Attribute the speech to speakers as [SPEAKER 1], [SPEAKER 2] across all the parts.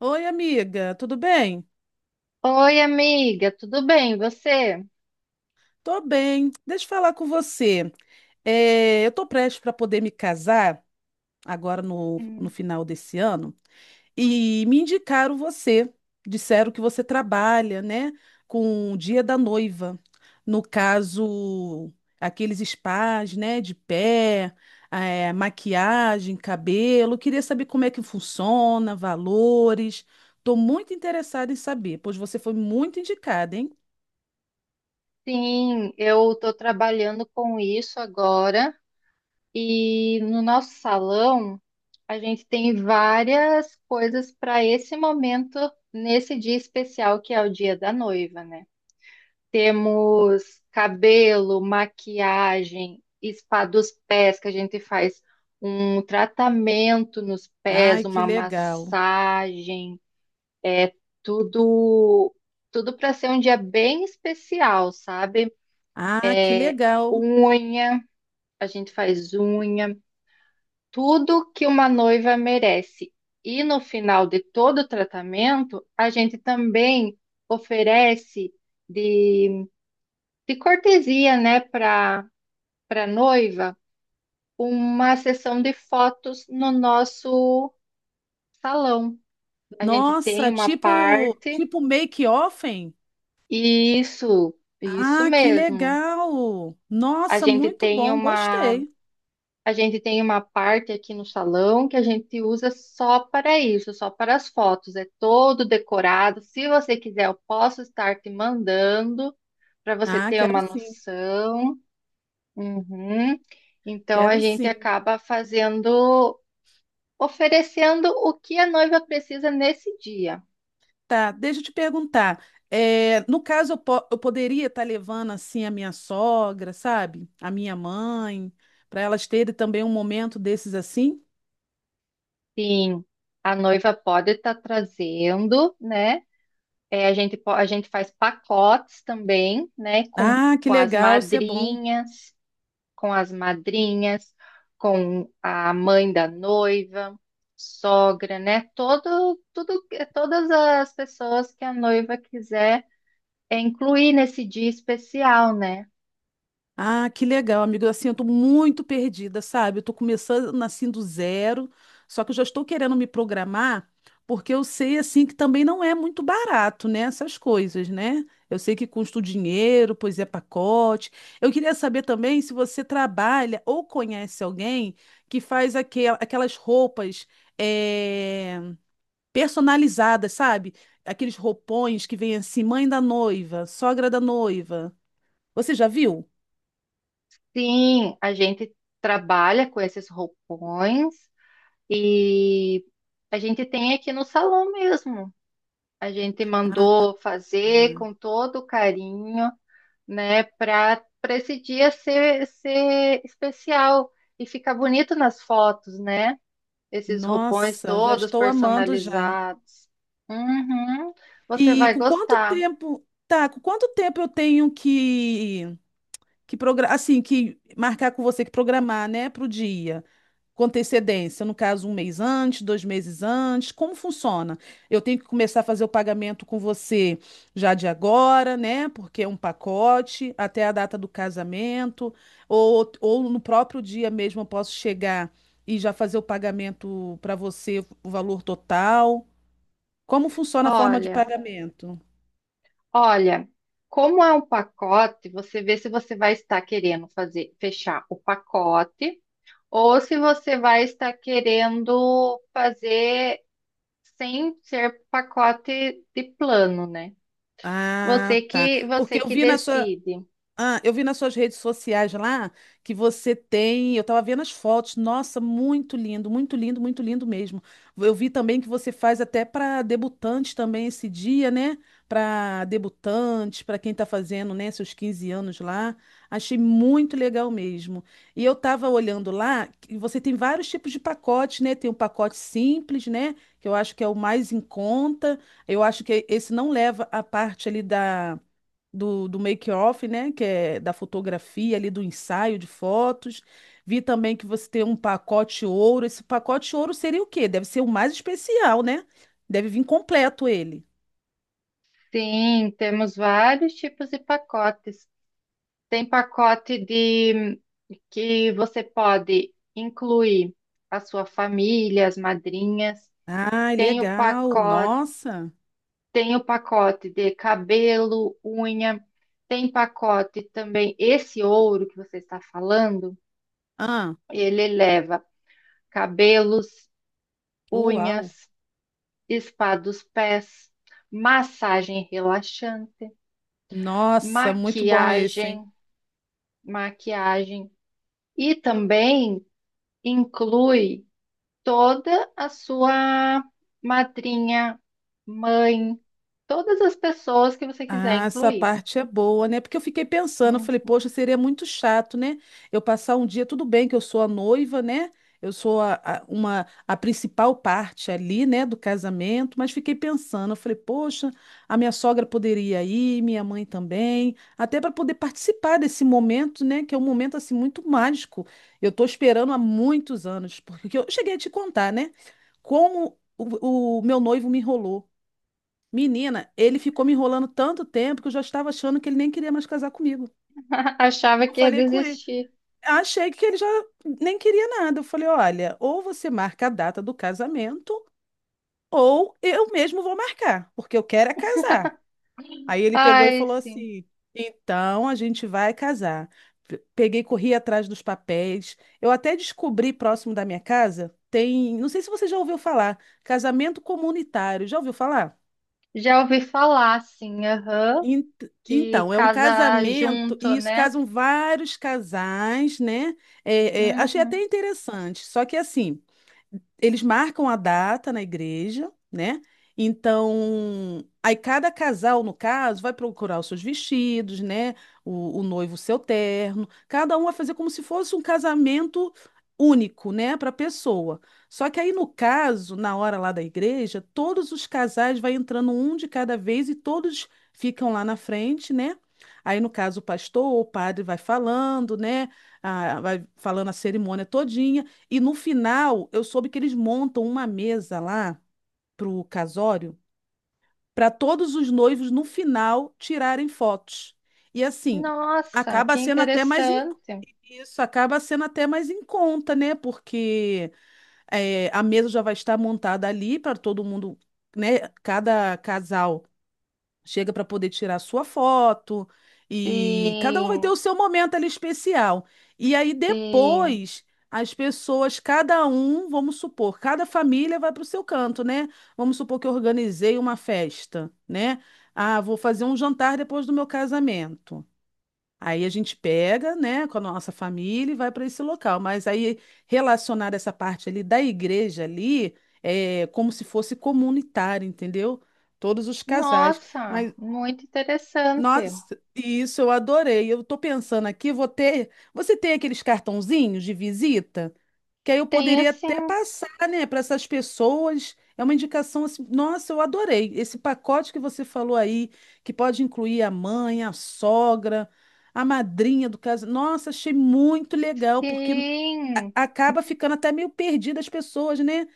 [SPEAKER 1] Oi, amiga, tudo bem?
[SPEAKER 2] Oi, amiga, tudo bem? Você?
[SPEAKER 1] Tô bem. Deixa eu falar com você. Eu tô prestes para poder me casar agora no
[SPEAKER 2] Hum.
[SPEAKER 1] final desse ano e me indicaram você. Disseram que você trabalha, né, com o dia da noiva. No caso, aqueles spas, né, de pé, maquiagem, cabelo. Queria saber como é que funciona, valores. Tô muito interessada em saber, pois você foi muito indicada, hein?
[SPEAKER 2] Sim, eu estou trabalhando com isso agora e no nosso salão a gente tem várias coisas para esse momento, nesse dia especial que é o dia da noiva, né? Temos cabelo, maquiagem, spa dos pés, que a gente faz um tratamento nos pés,
[SPEAKER 1] Ai, que
[SPEAKER 2] uma
[SPEAKER 1] legal.
[SPEAKER 2] massagem. É tudo, tudo para ser um dia bem especial, sabe?
[SPEAKER 1] Ah, que
[SPEAKER 2] É
[SPEAKER 1] legal.
[SPEAKER 2] unha, a gente faz unha, tudo que uma noiva merece. E no final de todo o tratamento, a gente também oferece de, de cortesia, né, para noiva, uma sessão de fotos no nosso salão. A gente tem
[SPEAKER 1] Nossa,
[SPEAKER 2] uma parte,
[SPEAKER 1] tipo make-offen?
[SPEAKER 2] e isso
[SPEAKER 1] Ah, que
[SPEAKER 2] mesmo.
[SPEAKER 1] legal.
[SPEAKER 2] A
[SPEAKER 1] Nossa,
[SPEAKER 2] gente
[SPEAKER 1] muito
[SPEAKER 2] tem
[SPEAKER 1] bom,
[SPEAKER 2] uma,
[SPEAKER 1] gostei.
[SPEAKER 2] a gente tem uma parte aqui no salão que a gente usa só para isso, só para as fotos. É todo decorado. Se você quiser, eu posso estar te mandando para você
[SPEAKER 1] Ah,
[SPEAKER 2] ter
[SPEAKER 1] quero
[SPEAKER 2] uma
[SPEAKER 1] sim,
[SPEAKER 2] noção. Uhum. Então a
[SPEAKER 1] quero
[SPEAKER 2] gente
[SPEAKER 1] sim.
[SPEAKER 2] acaba fazendo, oferecendo o que a noiva precisa nesse dia.
[SPEAKER 1] Tá, deixa eu te perguntar. No caso, eu poderia estar levando assim a minha sogra, sabe? A minha mãe, para elas terem também um momento desses assim?
[SPEAKER 2] Sim, a noiva pode estar trazendo, né? É, a gente, a gente faz pacotes também, né? Com,
[SPEAKER 1] Ah, que
[SPEAKER 2] com as
[SPEAKER 1] legal, isso é bom.
[SPEAKER 2] madrinhas, com as madrinhas, com a mãe da noiva, sogra, né? Todo, tudo, é, todas as pessoas que a noiva quiser é, incluir nesse dia especial, né?
[SPEAKER 1] Ah, que legal, amigo. Assim, eu tô muito perdida, sabe? Eu tô começando assim do zero, só que eu já estou querendo me programar, porque eu sei assim que também não é muito barato, né? Essas coisas, né? Eu sei que custa o dinheiro, pois é pacote. Eu queria saber também se você trabalha ou conhece alguém que faz aquelas roupas eh, personalizadas, sabe? Aqueles roupões que vem assim, mãe da noiva, sogra da noiva. Você já viu?
[SPEAKER 2] Sim, a gente trabalha com esses roupões e a gente tem aqui no salão mesmo. A gente mandou fazer com todo carinho, né? Para esse dia ser, ser especial e ficar bonito nas fotos, né? Esses roupões
[SPEAKER 1] Nossa, já
[SPEAKER 2] todos
[SPEAKER 1] estou amando já.
[SPEAKER 2] personalizados. Uhum, você
[SPEAKER 1] E
[SPEAKER 2] vai
[SPEAKER 1] com quanto
[SPEAKER 2] gostar.
[SPEAKER 1] tempo, tá, com quanto tempo eu tenho assim, que marcar com você que programar, né, para o dia? Com antecedência, no caso, um mês antes, dois meses antes, como funciona? Eu tenho que começar a fazer o pagamento com você já de agora, né? Porque é um pacote, até a data do casamento, ou no próprio dia mesmo eu posso chegar e já fazer o pagamento para você, o valor total. Como funciona a forma de
[SPEAKER 2] Olha,
[SPEAKER 1] pagamento?
[SPEAKER 2] Olha, como é um pacote, você vê se você vai estar querendo fazer, fechar o pacote ou se você vai estar querendo fazer sem ser pacote de plano, né?
[SPEAKER 1] Ah, tá. Porque
[SPEAKER 2] Você
[SPEAKER 1] eu
[SPEAKER 2] que
[SPEAKER 1] vi na sua,
[SPEAKER 2] decide.
[SPEAKER 1] Ah, eu vi nas suas redes sociais lá que você tem. Eu estava vendo as fotos. Nossa, muito lindo, muito lindo, muito lindo mesmo. Eu vi também que você faz até para debutantes também esse dia, né? Para debutantes, para quem está fazendo, né, seus 15 anos lá. Achei muito legal mesmo. E eu estava olhando lá que você tem vários tipos de pacotes, né? Tem um pacote simples, né? Que eu acho que é o mais em conta. Eu acho que esse não leva a parte ali do make-off, né? Que é da fotografia ali, do ensaio de fotos. Vi também que você tem um pacote ouro. Esse pacote ouro seria o quê? Deve ser o mais especial, né? Deve vir completo ele.
[SPEAKER 2] Sim, temos vários tipos de pacotes. Tem pacote de que você pode incluir a sua família, as madrinhas.
[SPEAKER 1] Ai,
[SPEAKER 2] Tem o
[SPEAKER 1] legal.
[SPEAKER 2] pacote,
[SPEAKER 1] Nossa.
[SPEAKER 2] tem o pacote de cabelo, unha. Tem pacote também esse ouro que você está falando,
[SPEAKER 1] Ah,
[SPEAKER 2] ele leva cabelos,
[SPEAKER 1] uau.
[SPEAKER 2] unhas, spa dos pés, massagem relaxante,
[SPEAKER 1] Nossa, muito bom esse,
[SPEAKER 2] maquiagem,
[SPEAKER 1] hein?
[SPEAKER 2] maquiagem. E também inclui toda a sua madrinha, mãe, todas as pessoas que você quiser
[SPEAKER 1] Ah, essa
[SPEAKER 2] incluir.
[SPEAKER 1] parte é boa, né? Porque eu fiquei pensando, eu falei,
[SPEAKER 2] Hum.
[SPEAKER 1] poxa, seria muito chato, né? Eu passar um dia, tudo bem que eu sou a noiva, né? Eu sou a principal parte ali, né, do casamento, mas fiquei pensando, eu falei, poxa, a minha sogra poderia ir, minha mãe também, até para poder participar desse momento, né, que é um momento assim muito mágico. Eu estou esperando há muitos anos, porque eu cheguei a te contar, né, como o meu noivo me enrolou. Menina, ele ficou me enrolando tanto tempo que eu já estava achando que ele nem queria mais casar comigo.
[SPEAKER 2] Achava
[SPEAKER 1] Eu
[SPEAKER 2] que ia
[SPEAKER 1] falei com ele.
[SPEAKER 2] desistir.
[SPEAKER 1] Achei que ele já nem queria nada. Eu falei: olha, ou você marca a data do casamento, ou eu mesmo vou marcar, porque eu quero é casar. Aí ele pegou e
[SPEAKER 2] Ai,
[SPEAKER 1] falou
[SPEAKER 2] sim.
[SPEAKER 1] assim: então a gente vai casar. Peguei, corri atrás dos papéis. Eu até descobri próximo da minha casa, tem, não sei se você já ouviu falar, casamento comunitário. Já ouviu falar?
[SPEAKER 2] Já ouvi falar, sim, aham,
[SPEAKER 1] Ent-
[SPEAKER 2] que
[SPEAKER 1] Então, é um
[SPEAKER 2] casa
[SPEAKER 1] casamento,
[SPEAKER 2] junto,
[SPEAKER 1] e isso
[SPEAKER 2] né?
[SPEAKER 1] casam vários casais, né? Achei até
[SPEAKER 2] Uhum.
[SPEAKER 1] interessante. Só que assim, eles marcam a data na igreja, né? Então, aí cada casal, no caso, vai procurar os seus vestidos, né? O noivo, o seu terno. Cada um vai fazer como se fosse um casamento único, né? Para a pessoa. Só que aí, no caso, na hora lá da igreja, todos os casais vai entrando um de cada vez e todos ficam lá na frente, né? Aí, no caso, o pastor ou o padre vai falando, né? Ah, vai falando a cerimônia todinha. E no final, eu soube que eles montam uma mesa lá pro casório para todos os noivos no final tirarem fotos. E assim,
[SPEAKER 2] Nossa,
[SPEAKER 1] acaba
[SPEAKER 2] que
[SPEAKER 1] sendo até mais em-
[SPEAKER 2] interessante.
[SPEAKER 1] isso acaba sendo até mais em conta, né? Porque é, a mesa já vai estar montada ali para todo mundo, né? Cada casal chega para poder tirar sua foto e cada um vai ter
[SPEAKER 2] Sim,
[SPEAKER 1] o seu momento ali especial. E aí
[SPEAKER 2] sim.
[SPEAKER 1] depois as pessoas, cada um, vamos supor, cada família vai para o seu canto, né? Vamos supor que eu organizei uma festa, né? Ah, vou fazer um jantar depois do meu casamento. Aí a gente pega, né, com a nossa família e vai para esse local. Mas aí relacionar essa parte ali da igreja ali é como se fosse comunitário, entendeu? Todos os casais.
[SPEAKER 2] Nossa,
[SPEAKER 1] Mas
[SPEAKER 2] muito interessante.
[SPEAKER 1] nossa, isso eu adorei. Eu tô pensando aqui, vou ter. Você tem aqueles cartãozinhos de visita? Que aí eu
[SPEAKER 2] Tenho
[SPEAKER 1] poderia até
[SPEAKER 2] sim,
[SPEAKER 1] passar, né, para essas pessoas. É uma indicação assim. Nossa, eu adorei. Esse pacote que você falou aí, que pode incluir a mãe, a sogra, a madrinha do caso. Nossa, achei muito legal, porque
[SPEAKER 2] sim.
[SPEAKER 1] acaba ficando até meio perdida as pessoas, né?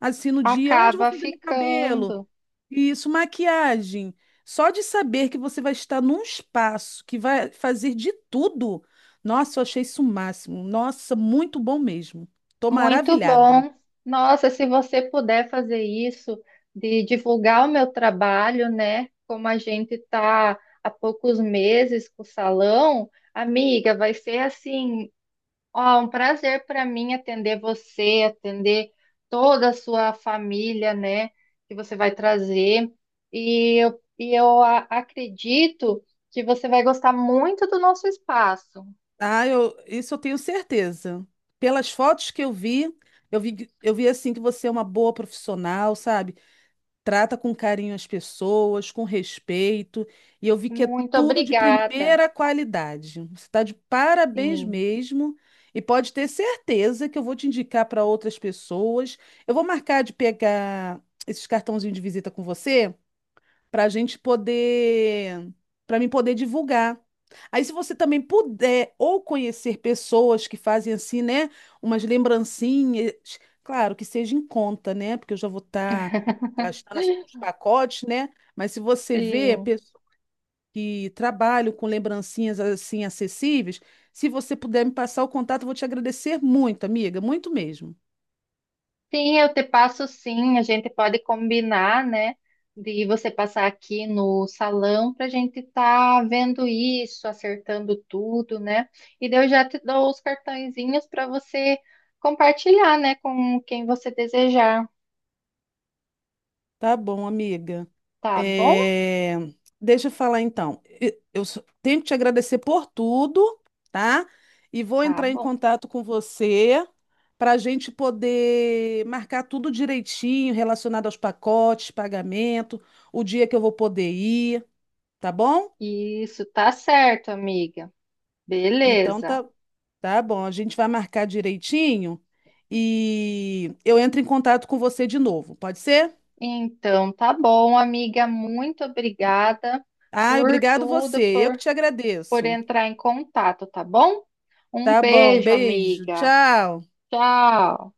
[SPEAKER 1] Assim, no dia, onde eu vou
[SPEAKER 2] Acaba
[SPEAKER 1] fazer meu cabelo?
[SPEAKER 2] ficando.
[SPEAKER 1] Isso, maquiagem. Só de saber que você vai estar num espaço que vai fazer de tudo. Nossa, eu achei isso o máximo. Nossa, muito bom mesmo. Tô
[SPEAKER 2] Muito
[SPEAKER 1] maravilhada.
[SPEAKER 2] bom. Nossa, se você puder fazer isso, de divulgar o meu trabalho, né? Como a gente está há poucos meses com o salão, amiga, vai ser assim, ó, um prazer para mim atender você, atender toda a sua família, né? Que você vai trazer. E acredito que você vai gostar muito do nosso espaço.
[SPEAKER 1] Ah, eu, isso eu tenho certeza. Pelas fotos que eu vi, eu vi assim que você é uma boa profissional, sabe? Trata com carinho as pessoas, com respeito, e eu vi que é
[SPEAKER 2] Muito
[SPEAKER 1] tudo de
[SPEAKER 2] obrigada.
[SPEAKER 1] primeira qualidade. Você está de parabéns
[SPEAKER 2] Sim,
[SPEAKER 1] mesmo, e pode ter certeza que eu vou te indicar para outras pessoas. Eu vou marcar de pegar esses cartãozinhos de visita com você para a gente poder, para mim poder divulgar. Aí, se você também puder ou conhecer pessoas que fazem assim, né, umas lembrancinhas, claro que seja em conta, né, porque eu já vou estar gastando assim com os pacotes, né, mas se você vê
[SPEAKER 2] sim.
[SPEAKER 1] pessoas que trabalham com lembrancinhas assim acessíveis, se você puder me passar o contato, eu vou te agradecer muito, amiga, muito mesmo.
[SPEAKER 2] Sim, eu te passo sim. A gente pode combinar, né? De você passar aqui no salão para a gente estar vendo isso, acertando tudo, né? E daí eu já te dou os cartõezinhos para você compartilhar, né? Com quem você desejar.
[SPEAKER 1] Tá bom, amiga.
[SPEAKER 2] Tá bom?
[SPEAKER 1] É, Deixa eu falar então. Eu só tenho que te agradecer por tudo, tá? E vou
[SPEAKER 2] Tá
[SPEAKER 1] entrar em
[SPEAKER 2] bom.
[SPEAKER 1] contato com você para a gente poder marcar tudo direitinho relacionado aos pacotes, pagamento, o dia que eu vou poder ir, tá bom?
[SPEAKER 2] Isso, tá certo, amiga.
[SPEAKER 1] Então
[SPEAKER 2] Beleza.
[SPEAKER 1] tá, tá bom. A gente vai marcar direitinho e eu entro em contato com você de novo, pode ser?
[SPEAKER 2] Então, tá bom, amiga. Muito obrigada
[SPEAKER 1] Ah,
[SPEAKER 2] por
[SPEAKER 1] obrigado você.
[SPEAKER 2] tudo,
[SPEAKER 1] Eu que te
[SPEAKER 2] por
[SPEAKER 1] agradeço.
[SPEAKER 2] entrar em contato, tá bom? Um
[SPEAKER 1] Tá bom,
[SPEAKER 2] beijo,
[SPEAKER 1] beijo,
[SPEAKER 2] amiga.
[SPEAKER 1] tchau.
[SPEAKER 2] Tchau.